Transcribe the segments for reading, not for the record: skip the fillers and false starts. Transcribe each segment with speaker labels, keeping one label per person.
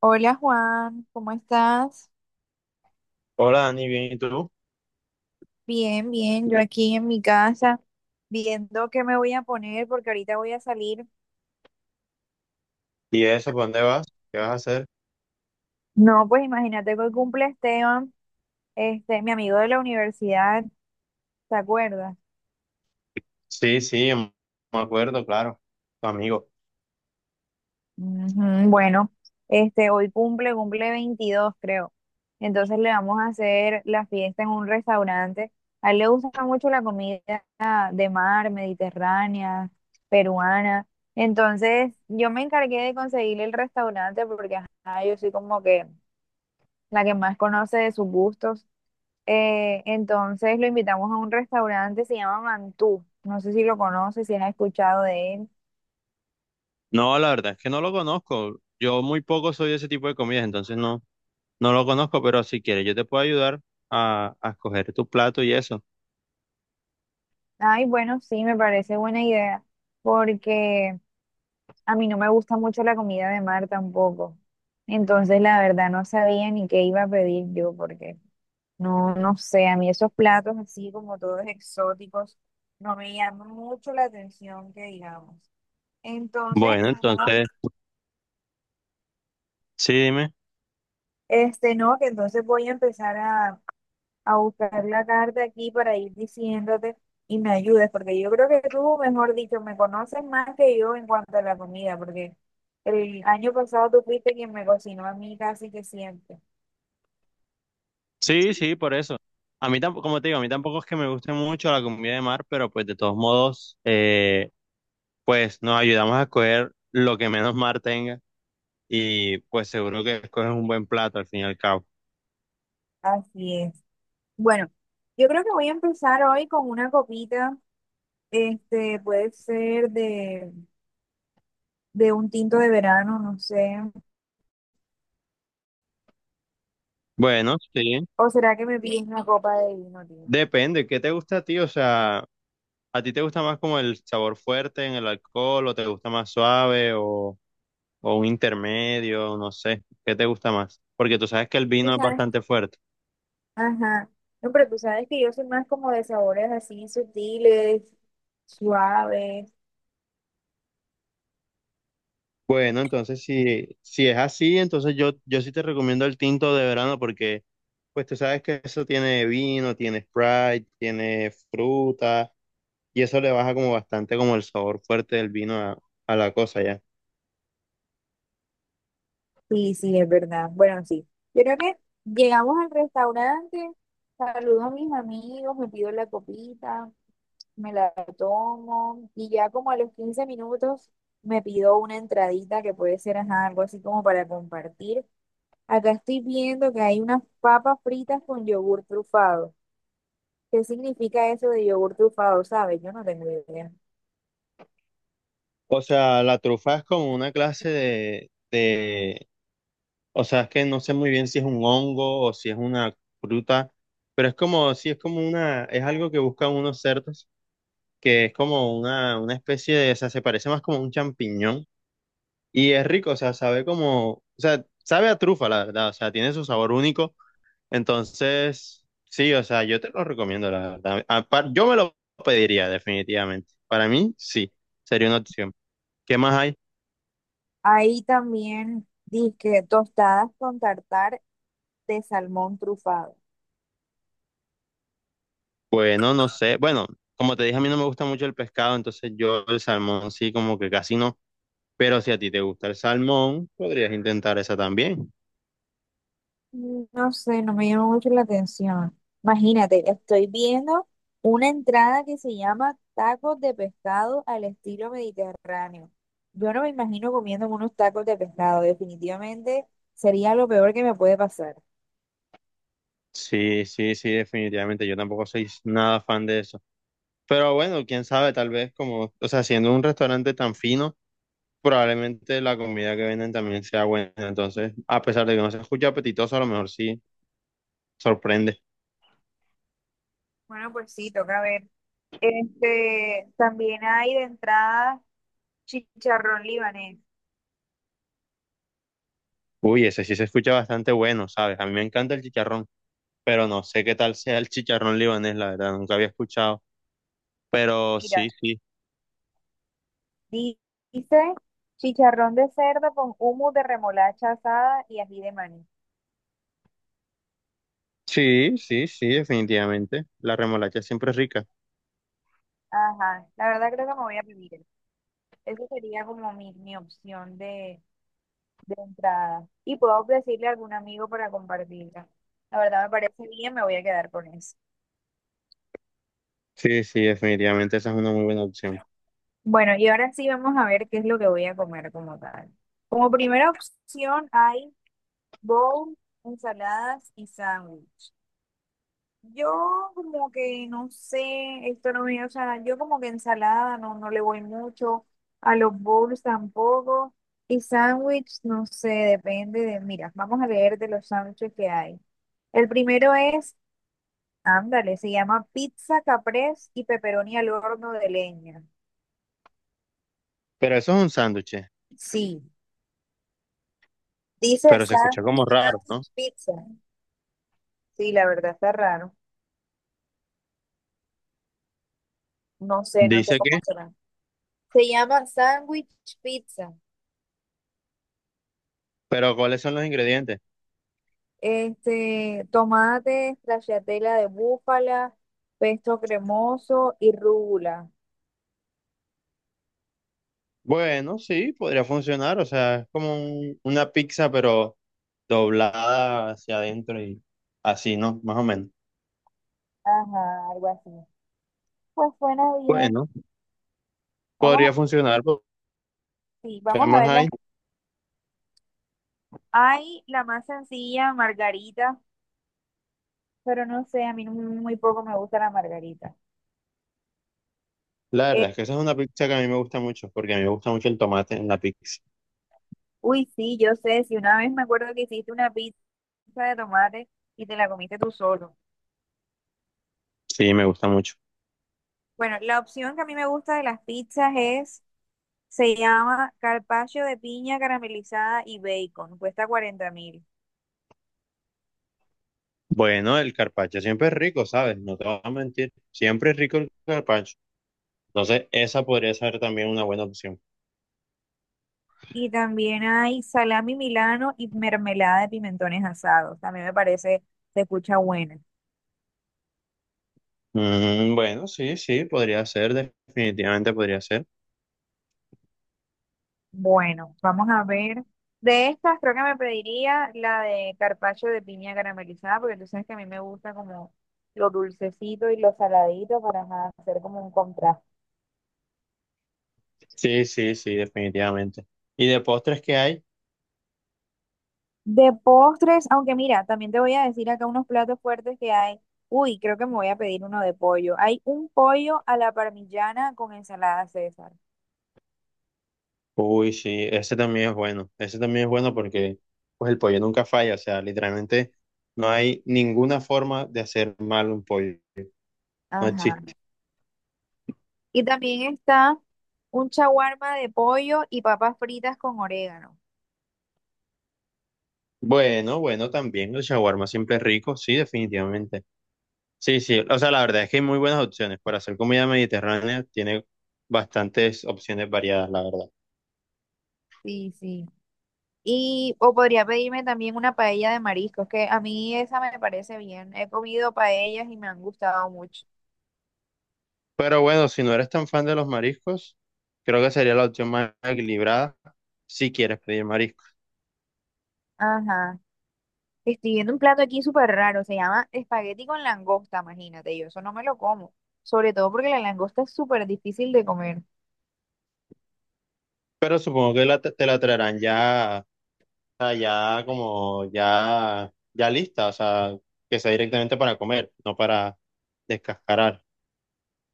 Speaker 1: Hola Juan, ¿cómo estás?
Speaker 2: Hola Dani, bien, ¿y tú?
Speaker 1: Bien, bien, yo aquí en mi casa viendo qué me voy a poner porque ahorita voy a salir.
Speaker 2: ¿Y eso, para dónde vas? ¿Qué vas a hacer?
Speaker 1: No, pues imagínate que hoy cumple Esteban, este, mi amigo de la universidad, ¿te acuerdas?
Speaker 2: Sí, sí, me acuerdo, claro, tu amigo.
Speaker 1: Ujú. Bueno, este hoy cumple 22 creo. Entonces le vamos a hacer la fiesta en un restaurante. A él le gusta mucho la comida de mar, mediterránea, peruana. Entonces yo me encargué de conseguirle el restaurante porque ajá, yo soy como que la que más conoce de sus gustos. Entonces lo invitamos a un restaurante, se llama Mantú. No sé si lo conoce si has escuchado de él.
Speaker 2: No, la verdad es que no lo conozco. Yo muy poco soy de ese tipo de comidas, entonces no, no lo conozco, pero si quieres, yo te puedo ayudar a escoger tu plato y eso.
Speaker 1: Ay, bueno, sí, me parece buena idea, porque a mí no me gusta mucho la comida de mar tampoco. Entonces, la verdad, no sabía ni qué iba a pedir yo, porque no, no sé, a mí esos platos así como todos exóticos no me llaman mucho la atención, que digamos. Entonces,
Speaker 2: Bueno,
Speaker 1: no,
Speaker 2: entonces, sí, dime.
Speaker 1: este, no, que entonces voy a empezar a buscar la carta aquí para ir diciéndote y me ayudes, porque yo creo que tú, mejor dicho, me conoces más que yo en cuanto a la comida, porque el año pasado tú fuiste quien me cocinó a mí casi que siempre.
Speaker 2: Sí, sí, por eso. A mí tampoco, como te digo, a mí tampoco es que me guste mucho la comida de mar, pero pues de todos modos, pues nos ayudamos a escoger lo que menos mar tenga. Y pues seguro que escoges un buen plato al fin y al cabo.
Speaker 1: Así es. Bueno, yo creo que voy a empezar hoy con una copita, este, puede ser de un tinto de verano, no sé,
Speaker 2: Bueno, sí,
Speaker 1: o será que me pides una copa de vino tinto.
Speaker 2: depende, ¿qué te gusta a ti? O sea, ¿a ti te gusta más como el sabor fuerte en el alcohol o te gusta más suave o un intermedio? No sé, ¿qué te gusta más? Porque tú sabes que el
Speaker 1: Tú
Speaker 2: vino es
Speaker 1: sabes.
Speaker 2: bastante fuerte.
Speaker 1: Ajá. No, pero tú sabes que yo soy más como de sabores así sutiles, suaves.
Speaker 2: Bueno, entonces si es así, entonces yo sí te recomiendo el tinto de verano, porque pues tú sabes que eso tiene vino, tiene Sprite, tiene fruta, y eso le baja como bastante como el sabor fuerte del vino a la cosa ya.
Speaker 1: Sí, sí, es verdad. Bueno, sí. Yo creo que llegamos al restaurante, saludo a mis amigos, me pido la copita, me la tomo y ya como a los 15 minutos me pido una entradita que puede ser ajá, algo así como para compartir. Acá estoy viendo que hay unas papas fritas con yogur trufado. ¿Qué significa eso de yogur trufado? ¿Sabes? Yo no tengo idea.
Speaker 2: O sea, la trufa es como una clase de, o sea, es que no sé muy bien si es un hongo o si es una fruta, pero es como, sí, es como una, es algo que buscan unos cerdos, que es como una especie de, o sea, se parece más como a un champiñón. Y es rico, o sea, sabe como, o sea, sabe a trufa, la verdad, o sea, tiene su sabor único. Entonces, sí, o sea, yo te lo recomiendo, la verdad. Yo me lo pediría, definitivamente. Para mí, sí, sería una opción. ¿Qué más hay?
Speaker 1: Ahí también dije tostadas con tartar de salmón trufado.
Speaker 2: Bueno, no sé. Bueno, como te dije, a mí no me gusta mucho el pescado, entonces yo el salmón sí, como que casi no. Pero si a ti te gusta el salmón, podrías intentar esa también.
Speaker 1: Mm, no sé, no me llama mucho la atención. Imagínate, estoy viendo una entrada que se llama tacos de pescado al estilo mediterráneo. Yo no me imagino comiendo unos tacos de pescado. Definitivamente sería lo peor que me puede pasar.
Speaker 2: Sí, sí, sí, definitivamente. Yo tampoco soy nada fan de eso. Pero bueno, quién sabe, tal vez como, o sea, siendo un restaurante tan fino, probablemente la comida que venden también sea buena. Entonces, a pesar de que no se escucha apetitoso, a lo mejor sí sorprende.
Speaker 1: Bueno, pues sí, toca ver. Este, también hay de entrada chicharrón libanés.
Speaker 2: Uy, ese sí se escucha bastante bueno, ¿sabes? A mí me encanta el chicharrón, pero no sé qué tal sea el chicharrón libanés, la verdad, nunca había escuchado. Pero
Speaker 1: Mira.
Speaker 2: sí, sí.
Speaker 1: Di- Dice chicharrón de cerdo con humo de remolacha asada y ají de maní.
Speaker 2: Sí, sí, sí, definitivamente. La remolacha siempre es rica.
Speaker 1: Ajá, la verdad creo que me voy a vivir. Eso sería como mi opción de entrada. Y puedo decirle a algún amigo para compartirla. La verdad me parece bien, me voy a quedar con eso.
Speaker 2: Sí, sí, definitivamente esa es una muy buena opción.
Speaker 1: Bueno, y ahora sí vamos a ver qué es lo que voy a comer como tal. Como primera opción hay bowl, ensaladas y sándwich. Yo como que no sé, esto no me, o sea, yo como que ensalada no, no le voy mucho, a los bowls tampoco, y sándwich, no sé, depende de, mira, vamos a leer de los sándwiches que hay. El primero es, ándale, se llama pizza caprese y pepperoni al horno de leña.
Speaker 2: Pero eso es un sándwich,
Speaker 1: Sí, dice
Speaker 2: pero se escucha como raro, ¿no?
Speaker 1: sándwich pizza. Sí, la verdad está raro. No sé, no sé
Speaker 2: Dice que,
Speaker 1: cómo será. Se llama sándwich pizza.
Speaker 2: pero ¿cuáles son los ingredientes?
Speaker 1: Este, tomate, stracciatella de búfala, pesto cremoso y rúgula.
Speaker 2: Bueno, sí, podría funcionar, o sea, es como una pizza, pero doblada hacia adentro y así, ¿no? Más o menos.
Speaker 1: Ajá, algo así. Pues suena bien.
Speaker 2: Bueno,
Speaker 1: Vamos,
Speaker 2: podría funcionar, porque
Speaker 1: sí,
Speaker 2: ¿qué
Speaker 1: vamos a
Speaker 2: más
Speaker 1: verla.
Speaker 2: hay?
Speaker 1: Hay la más sencilla, margarita, pero no sé, a mí no- muy poco me gusta la margarita.
Speaker 2: La
Speaker 1: Eh,
Speaker 2: verdad es que esa es una pizza que a mí me gusta mucho, porque a mí me gusta mucho el tomate en la pizza.
Speaker 1: uy, sí, yo sé, si una vez me acuerdo que hiciste una pizza de tomate y te la comiste tú solo.
Speaker 2: Sí, me gusta mucho.
Speaker 1: Bueno, la opción que a mí me gusta de las pizzas es. Se llama carpaccio de piña caramelizada y bacon, cuesta 40000.
Speaker 2: Bueno, el carpaccio siempre es rico, ¿sabes? No te voy a mentir, siempre es rico el carpaccio. Entonces, esa podría ser también una buena opción.
Speaker 1: Y también hay salami milano y mermelada de pimentones asados. También me parece, se escucha buena.
Speaker 2: Mm, bueno, sí, sí, podría ser, definitivamente podría ser.
Speaker 1: Bueno, vamos a ver. De estas creo que me pediría la de carpaccio de piña caramelizada, porque tú sabes que a mí me gusta como lo dulcecito y lo saladito para ajá, hacer como un contraste.
Speaker 2: Sí, sí, sí, definitivamente. ¿Y de postres qué hay?
Speaker 1: De postres, aunque mira, también te voy a decir acá unos platos fuertes que hay. Uy, creo que me voy a pedir uno de pollo. Hay un pollo a la parmigiana con ensalada César.
Speaker 2: Uy, sí, ese también es bueno. Ese también es bueno porque pues el pollo nunca falla. O sea, literalmente no hay ninguna forma de hacer mal un pollo. No existe.
Speaker 1: Ajá. Y también está un shawarma de pollo y papas fritas con orégano.
Speaker 2: Bueno, bueno, también el shawarma siempre es rico. Sí, definitivamente. Sí, sí. O sea, la verdad es que hay muy buenas opciones. Para hacer comida mediterránea tiene bastantes opciones variadas, la verdad.
Speaker 1: Sí, sí. Y o podría pedirme también una paella de mariscos, que a mí esa me parece bien. He comido paellas y me han gustado mucho.
Speaker 2: Pero bueno, si no eres tan fan de los mariscos, creo que sería la opción más equilibrada si quieres pedir mariscos.
Speaker 1: Ajá. Estoy viendo un plato aquí súper raro, se llama espagueti con langosta, imagínate, yo eso no me lo como, sobre todo porque la langosta es súper difícil de comer,
Speaker 2: Pero supongo que te la traerán ya, o sea, ya como ya, ya lista, o sea, que sea directamente para comer, no para descascarar.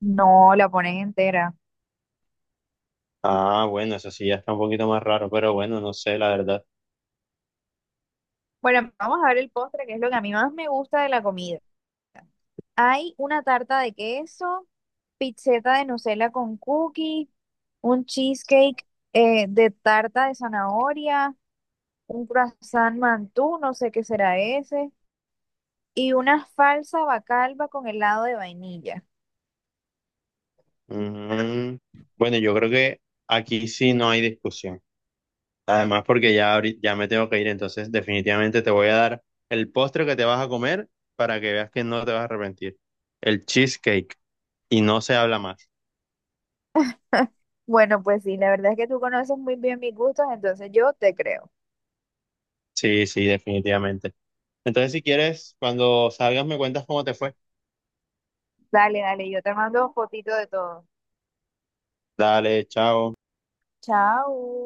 Speaker 1: no la pones entera.
Speaker 2: Ah, bueno, eso sí ya está un poquito más raro, pero bueno, no sé, la verdad.
Speaker 1: Bueno, vamos a ver el postre, que es lo que a mí más me gusta de la comida. Hay una tarta de queso, pizzeta de Nutella con cookie, un cheesecake de tarta de zanahoria, un croissant mantú, no sé qué será ese, y una falsa bacalba con helado de vainilla.
Speaker 2: Mm, bueno, yo creo que aquí sí no hay discusión. Además, porque ya, ya me tengo que ir, entonces definitivamente te voy a dar el postre que te vas a comer para que veas que no te vas a arrepentir. El cheesecake. Y no se habla más.
Speaker 1: Bueno, pues sí, la verdad es que tú conoces muy bien mis gustos, entonces yo te creo.
Speaker 2: Sí, sí, definitivamente. Entonces, si quieres, cuando salgas me cuentas cómo te fue.
Speaker 1: Dale, dale, yo te mando fotito de todo.
Speaker 2: Dale, chao.
Speaker 1: Chao.